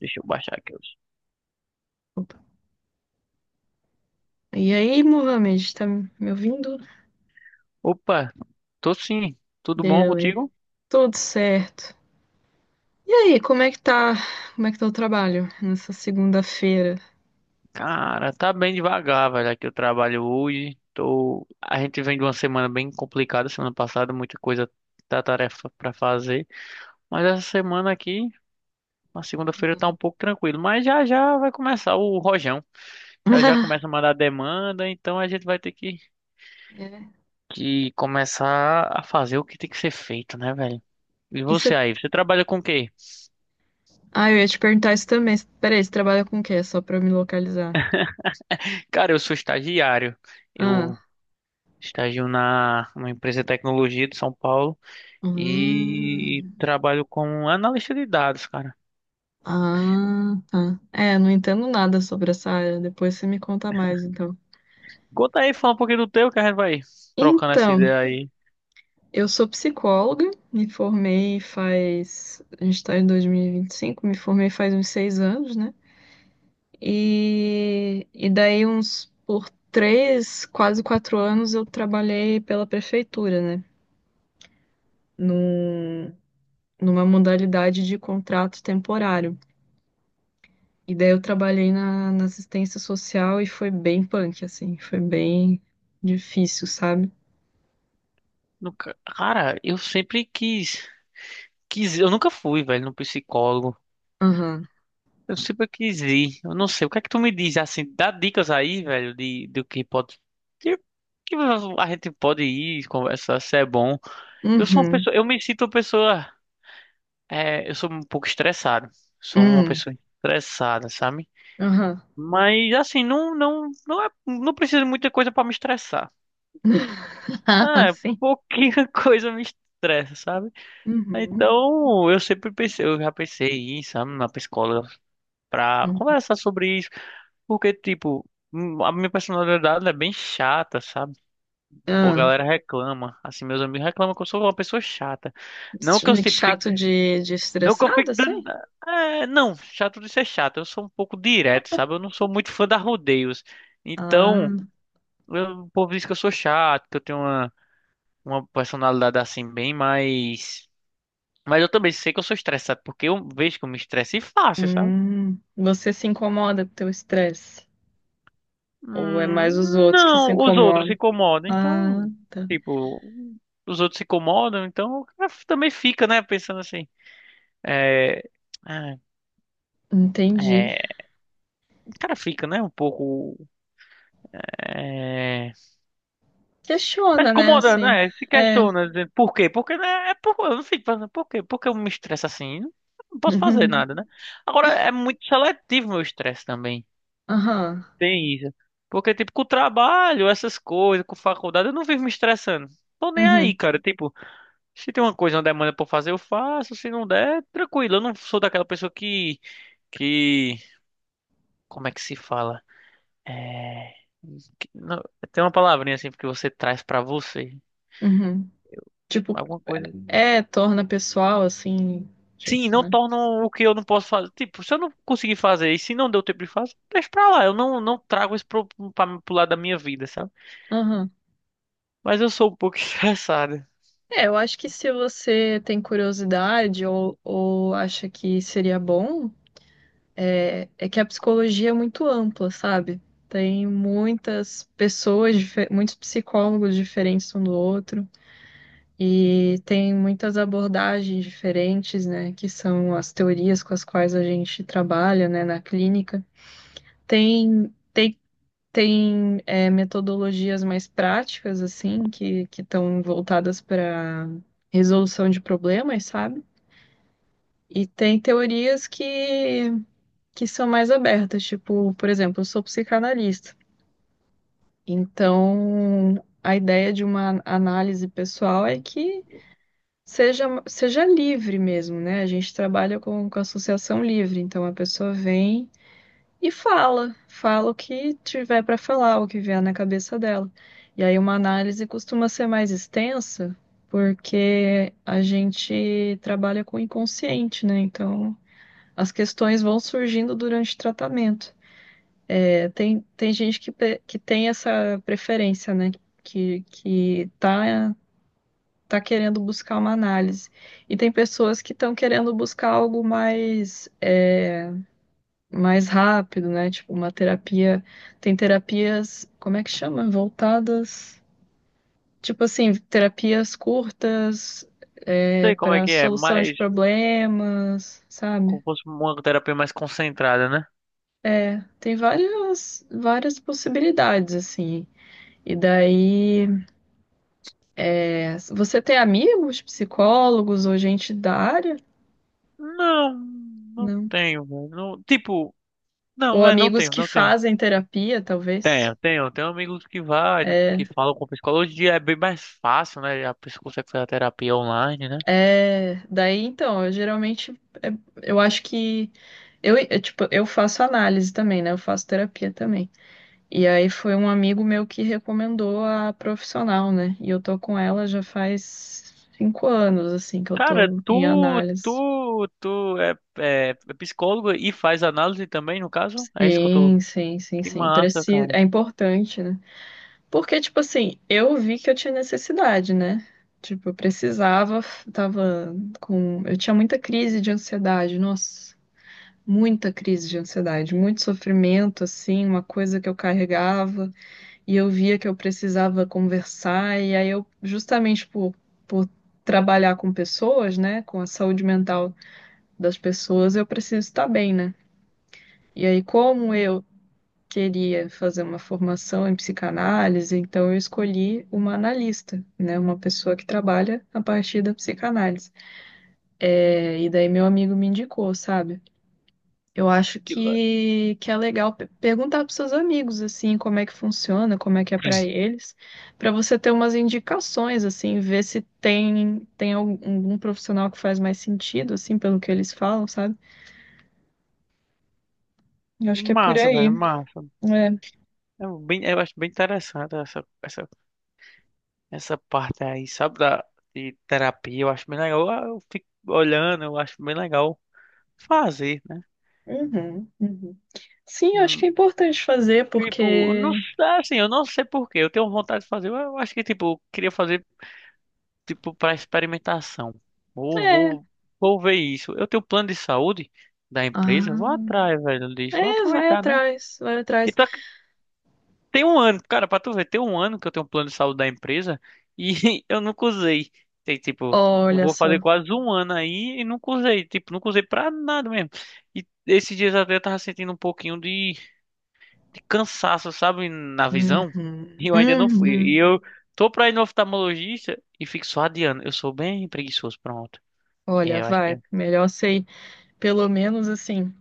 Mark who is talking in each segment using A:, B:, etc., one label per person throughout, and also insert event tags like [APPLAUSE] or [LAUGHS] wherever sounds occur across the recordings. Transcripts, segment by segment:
A: Deixa eu baixar aqui.
B: Opa. E aí, Mohamed, tá me ouvindo?
A: Opa, tô sim. Tudo bom
B: Beleza,
A: contigo?
B: tudo certo. E aí, como é que tá o trabalho nessa segunda-feira?
A: Cara, tá bem devagar, velho. Aqui eu trabalho hoje. A gente vem de uma semana bem complicada. Semana passada, muita coisa da tarefa pra fazer. Mas essa semana aqui, na segunda-feira, tá um
B: Uhum.
A: pouco tranquilo. Mas já já vai começar o rojão. Já já começa a
B: [LAUGHS]
A: mandar demanda. Então a gente vai ter que,
B: É.
A: que começar a fazer o que tem que ser feito, né, velho? E
B: E
A: você
B: você...
A: aí? Você trabalha com o quê?
B: Ah, eu ia te perguntar isso também. Peraí, você trabalha com o quê? Só pra eu me localizar.
A: Cara, eu sou estagiário. Eu
B: Ah,
A: estagio na uma empresa de tecnologia de São Paulo e
B: Hum.
A: trabalho como analista de dados, cara.
B: Ah, tá. É, não entendo nada sobre essa área. Depois você me conta mais, então.
A: Conta aí, fala um pouquinho do teu, que a gente vai trocando essa
B: Então,
A: ideia aí.
B: Eu sou psicóloga, me formei faz. A gente está em 2025, me formei faz uns 6 anos, né? E daí, uns por 3, quase 4 anos, eu trabalhei pela prefeitura, né? Num, numa modalidade de contrato temporário. E daí, eu trabalhei na assistência social e foi bem punk, assim, foi bem difícil, sabe?
A: Cara, eu sempre quis, eu nunca fui, velho, no psicólogo.
B: Aham,
A: Eu sempre quis ir. Eu não sei, o que é que tu me diz assim, dá dicas aí, velho, de do que pode de- que a gente pode ir, conversar, se é bom. Eu sou uma
B: uhum,
A: pessoa, eu me sinto uma pessoa. É, eu sou um pouco estressado. Sou uma
B: uhum,
A: pessoa estressada, sabe?
B: aham,
A: Mas assim, não, não, não é, não precisa de muita coisa para me estressar.
B: [LAUGHS]
A: É,
B: Sim.
A: pouquinha [LAUGHS] coisa me estressa, sabe?
B: Uhum.
A: Então, eu sempre pensei, eu já pensei em ir, sabe, na psicóloga pra
B: Uhum.
A: conversar sobre isso, porque tipo, a minha personalidade é bem chata, sabe? Pô, a
B: Ah,
A: galera reclama, assim, meus amigos reclamam que eu sou uma pessoa chata. Não que eu tipo
B: chato de
A: Não que eu
B: estressado,
A: fique
B: assim?
A: dando. É, não, chato de ser chato. Eu sou um pouco direto, sabe? Eu não sou muito fã da rodeios. Então,
B: Ah,
A: o povo diz que eu sou chato, que eu tenho uma personalidade assim, bem mais. Mas eu também sei que eu sou estressado, porque eu vejo que eu me estresse fácil, sabe?
B: hum. Você se incomoda com o teu estresse? Ou é mais os outros que se
A: Não, os outros se
B: incomodam?
A: incomodam,
B: Ah,
A: então.
B: tá.
A: Tipo, os outros se incomodam, então o cara também fica, né? Pensando assim. Ah,
B: Entendi.
A: é, o cara fica, né? Um pouco. é, Mas
B: Questiona, né,
A: incomoda,
B: assim.
A: né? Se
B: É. [LAUGHS]
A: questiona, dizendo por quê? Porque, né? É por, eu não sei pensando, por quê? Porque eu me estresso assim? Não posso fazer
B: Uhum.
A: nada, né? Agora, é muito seletivo meu estresse também.
B: Aham.
A: Tem isso. Porque, tipo, com o trabalho, essas coisas, com faculdade, eu não vivo me estressando. Tô nem aí,
B: Uhum.
A: cara. Tipo, se tem uma coisa, uma demanda pra eu fazer, eu faço. Se não der, tranquilo. Eu não sou daquela pessoa que... Que... Como é que se fala? É... não, tem uma palavrinha assim que você traz pra você.
B: Uhum. Tipo,
A: Alguma coisa...
B: é, torna pessoal, assim, tipo,
A: Sim, não
B: né?
A: tornam o que eu não posso fazer. Tipo, se eu não conseguir fazer e se não deu tempo de fazer, deixa pra lá. Eu não trago isso pro lado da minha vida, sabe?
B: Aham.
A: Mas eu sou um pouco [LAUGHS] estressado.
B: É, eu acho que se você tem curiosidade ou acha que seria bom, é, é que a psicologia é muito ampla, sabe? Tem muitas pessoas, muitos psicólogos diferentes um do outro, e tem muitas abordagens diferentes, né? Que são as teorias com as quais a gente trabalha, né, na clínica. Tem, tem, tem é, metodologias mais práticas, assim, que estão voltadas para resolução de problemas, sabe? E tem teorias que são mais abertas. Tipo, por exemplo, eu sou psicanalista. Então, a ideia de uma análise pessoal é que seja livre mesmo, né? A gente trabalha com associação livre. Então, a pessoa vem e fala o que tiver para falar, o que vier na cabeça dela. E aí, uma análise costuma ser mais extensa, porque a gente trabalha com o inconsciente, né? Então, as questões vão surgindo durante o tratamento. Tem gente que tem essa preferência, né? Que, que tá, tá querendo buscar uma análise. E tem pessoas que estão querendo buscar algo mais, é, mais rápido, né? Tipo, uma terapia. Tem terapias, como é que chama? Voltadas. Tipo assim, terapias curtas, é,
A: Sei como é
B: para
A: que é,
B: solução de
A: mas
B: problemas,
A: como
B: sabe?
A: fosse uma terapia mais concentrada, né?
B: É, tem várias, várias possibilidades, assim. E daí. Você tem amigos psicólogos ou gente da área?
A: Não, não
B: Não.
A: tenho, velho. Não, tipo,
B: Ou
A: não, é, não
B: amigos
A: tenho,
B: que
A: não tenho.
B: fazem terapia, talvez?
A: Tenho, tenho, tenho amigos que vai, que
B: É,
A: falam com psicologia, é bem mais fácil, né? A pessoa consegue fazer a terapia online, né?
B: é, daí então, eu geralmente é, eu acho que eu, é, tipo, eu faço análise também, né? Eu faço terapia também. E aí foi um amigo meu que recomendou a profissional, né? E eu tô com ela já faz 5 anos, assim, que eu
A: Cara,
B: tô em
A: tu,
B: análise.
A: tu, tu é psicólogo e faz análise também, no caso? É isso que eu tô.
B: Sim, sim, sim,
A: Que
B: sim.
A: massa,
B: Precisa,
A: cara.
B: é importante, né? Porque, tipo assim, eu vi que eu tinha necessidade, né? Tipo, eu precisava, tava com. Eu tinha muita crise de ansiedade, nossa, muita crise de ansiedade, muito sofrimento, assim, uma coisa que eu carregava, e eu via que eu precisava conversar, e aí eu, justamente por trabalhar com pessoas, né, com a saúde mental das pessoas, eu preciso estar bem, né? E aí, como eu queria fazer uma formação em psicanálise, então eu escolhi uma analista, né, uma pessoa que trabalha a partir da psicanálise. É, e daí meu amigo me indicou, sabe? Eu acho
A: Que la-
B: que é legal perguntar para seus amigos assim como é que funciona, como é que é para eles, para você ter umas indicações assim, ver se tem algum, algum profissional que faz mais sentido assim pelo que eles falam, sabe? Eu acho que é por
A: Massa,
B: aí.
A: velho, massa.
B: É.
A: Eu acho bem interessante essa parte aí, sabe, de terapia. Eu acho bem legal. Eu fico olhando, eu acho bem legal fazer, né?
B: Uhum, uhum. Sim, eu acho que
A: Hum,
B: é importante fazer,
A: Tipo, não
B: porque
A: sei, assim, eu não sei por quê. Eu tenho vontade de fazer. Eu acho que, tipo, eu queria fazer. Tipo, para experimentação. Vou,
B: é.
A: vou, vou ver isso. Eu tenho plano de saúde da empresa,
B: Ah,
A: vou atrás, velho, disso. Vou
B: é, vai
A: aproveitar, né?
B: atrás, vai
A: E
B: atrás.
A: tá, tem um ano, cara, pra tu ver, tem um ano que eu tenho um plano de saúde da empresa e [LAUGHS] eu nunca usei. Tem, tipo, eu
B: Olha
A: vou
B: só.
A: fazer quase um ano aí e nunca usei. Tipo, nunca usei pra nada mesmo. E esses dias até eu tava sentindo um pouquinho de cansaço, sabe, na visão. E
B: Uhum,
A: eu ainda não fui. E
B: uhum.
A: eu tô pra ir no oftalmologista e fico só adiando. Eu sou bem preguiçoso, pronto. É,
B: Olha,
A: eu acho que
B: vai.
A: é.
B: Melhor sei, pelo menos assim,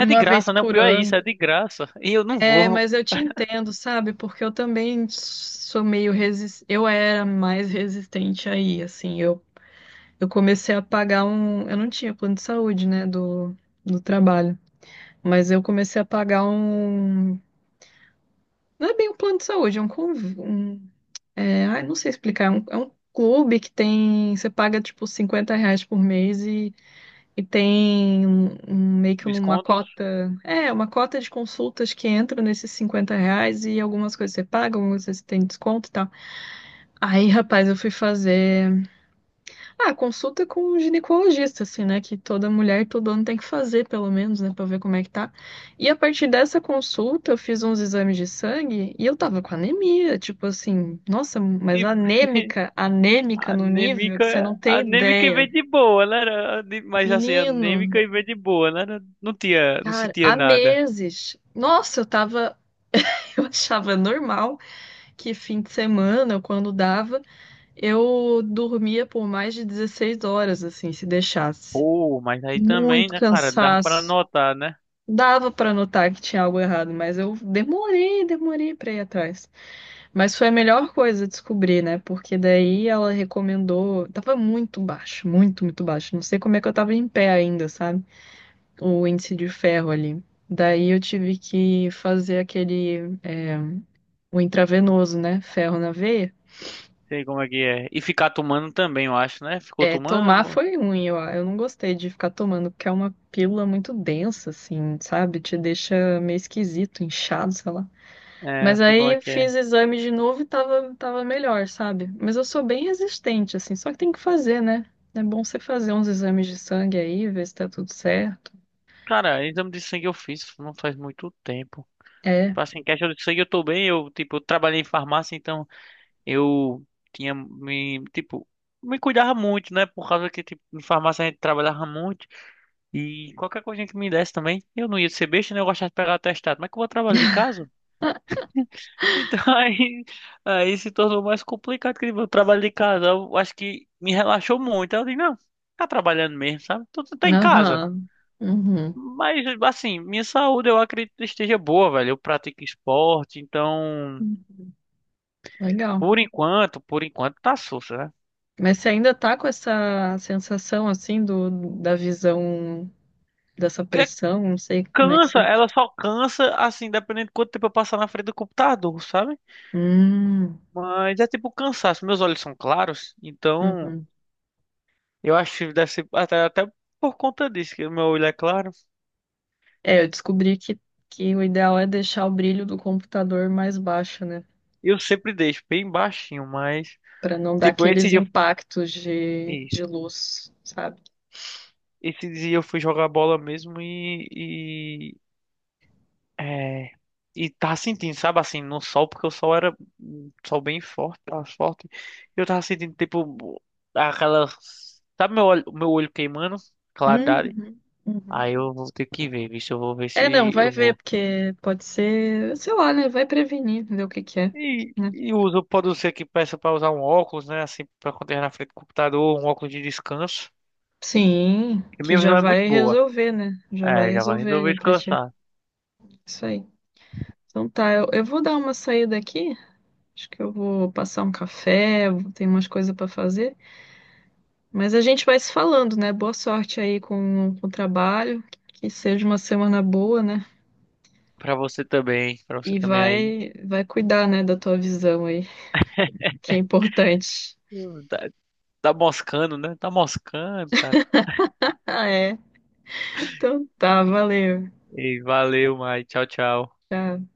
A: É de
B: vez
A: graça, né? O
B: por
A: pior é isso,
B: ano.
A: é de graça. E eu não
B: É,
A: vou.
B: mas eu te entendo, sabe? Porque eu também sou meio resistente. Eu era mais resistente aí, assim. Eu comecei a pagar um. Eu não tinha plano de saúde, né? Do trabalho. Mas eu comecei a pagar um não é bem um plano de saúde, é um, um é, ai, não sei explicar, é um clube que tem, você paga tipo 50 reais por mês e tem meio que uma
A: Descontos.
B: cota, é, uma cota de consultas que entra nesses 50 reais e algumas coisas você paga, algumas coisas você tem desconto e tal. Aí, rapaz, eu fui fazer ah, consulta com um ginecologista, assim, né? Que toda mulher todo ano tem que fazer, pelo menos, né? Pra ver como é que tá. E a partir dessa consulta, eu fiz uns exames de sangue e eu tava com anemia, tipo assim, nossa, mas
A: E
B: anêmica,
A: a
B: anêmica no nível
A: anêmica.
B: que você não
A: A
B: tem
A: anêmica e vem
B: ideia.
A: de boa, né? Mas assim, a
B: Menino,
A: anêmica e vem de boa, né? Não tinha, não
B: cara,
A: sentia
B: há
A: nada.
B: meses. Nossa, eu tava. [LAUGHS] Eu achava normal que fim de semana, quando dava, eu dormia por mais de 16 horas, assim, se deixasse.
A: Pô, mas aí também,
B: Muito
A: né, cara? Dá pra
B: cansaço.
A: notar, né?
B: Dava pra notar que tinha algo errado, mas eu demorei, demorei pra ir atrás. Mas foi a melhor coisa descobrir, né? Porque daí ela recomendou. Tava muito baixo, muito, muito baixo. Não sei como é que eu tava em pé ainda, sabe? O índice de ferro ali. Daí eu tive que fazer aquele. É, o intravenoso, né? Ferro na veia.
A: Sei como é que é. E ficar tomando também, eu acho, né? Ficou
B: É, tomar
A: tomando?
B: foi ruim, eu não gostei de ficar tomando, porque é uma pílula muito densa, assim, sabe? Te deixa meio esquisito, inchado, sei lá. Mas
A: É, sei como é
B: aí
A: que é.
B: fiz exame de novo e tava, tava melhor, sabe? Mas eu sou bem resistente, assim, só que tem que fazer, né? É bom você fazer uns exames de sangue aí, ver se tá tudo certo.
A: Cara, exame de sangue eu fiz não faz muito tempo.
B: É,
A: Tipo assim, questão de sangue eu tô bem. Eu, tipo, trabalhei em farmácia, então. Eu tinha me, tipo, Me cuidava muito, né? Por causa que, tipo, em farmácia a gente trabalhava muito. E qualquer coisinha que me desse também, eu não ia ser besta, né? Eu gostava de pegar atestado. Mas que eu vou trabalhar de casa? Então [LAUGHS] aí se tornou mais complicado que o trabalho de casa. Eu acho que me relaxou muito. Eu disse, não, tá trabalhando mesmo, sabe? Tu tá em casa.
B: aham, uhum,
A: Mas, assim, minha saúde eu acredito que esteja boa, velho. Eu pratico esporte, então,
B: legal.
A: por enquanto tá sussa,
B: Mas você ainda tá com essa sensação, assim, do, da visão, dessa
A: né?
B: pressão, não sei como é que
A: Cansa,
B: você...
A: ela só cansa, assim, dependendo de quanto tempo eu passar na frente do computador, sabe?
B: Hum,
A: Mas é tipo cansaço. Meus olhos são claros, então
B: uhum.
A: eu acho que deve ser até por conta disso, que o meu olho é claro.
B: É, eu descobri que o ideal é deixar o brilho do computador mais baixo, né?
A: Eu sempre deixo bem baixinho, mas,
B: Para não dar
A: tipo,
B: aqueles impactos
A: isso,
B: de luz, sabe?
A: esse dia eu fui jogar bola mesmo É, e tava sentindo, sabe, assim, no sol, porque o sol era um sol bem forte, tava forte. E eu tava sentindo, tipo, aquela. Sabe meu olho queimando? Claridade.
B: Uhum,
A: Aí
B: uhum.
A: eu vou ter que ver, visto, eu vou ver
B: É, não,
A: se
B: vai
A: eu
B: ver,
A: vou.
B: porque pode ser, sei lá, né? Vai prevenir, entendeu o que que é,
A: E,
B: né?
A: e uso, pode ser que peça pra usar um óculos, né, assim, pra acontecer na frente do computador, um óculos de descanso.
B: Sim,
A: E
B: que
A: minha
B: já
A: visão é muito
B: vai
A: boa.
B: resolver, né? Já vai
A: É, já vai
B: resolver
A: resolver
B: ali pra ti.
A: descansar.
B: Isso aí. Então tá, eu vou dar uma saída aqui. Acho que eu vou passar um café, vou tem umas coisas pra fazer. Mas a gente vai se falando, né? Boa sorte aí com o trabalho. Que seja uma semana boa, né?
A: Pra você
B: E
A: também aí.
B: vai, vai cuidar, né, da tua visão aí, que é importante.
A: Tá, tá moscando, né? Tá moscando, cara.
B: Ah, é? Então tá, valeu.
A: E valeu, Mai. Tchau, tchau.
B: Tchau.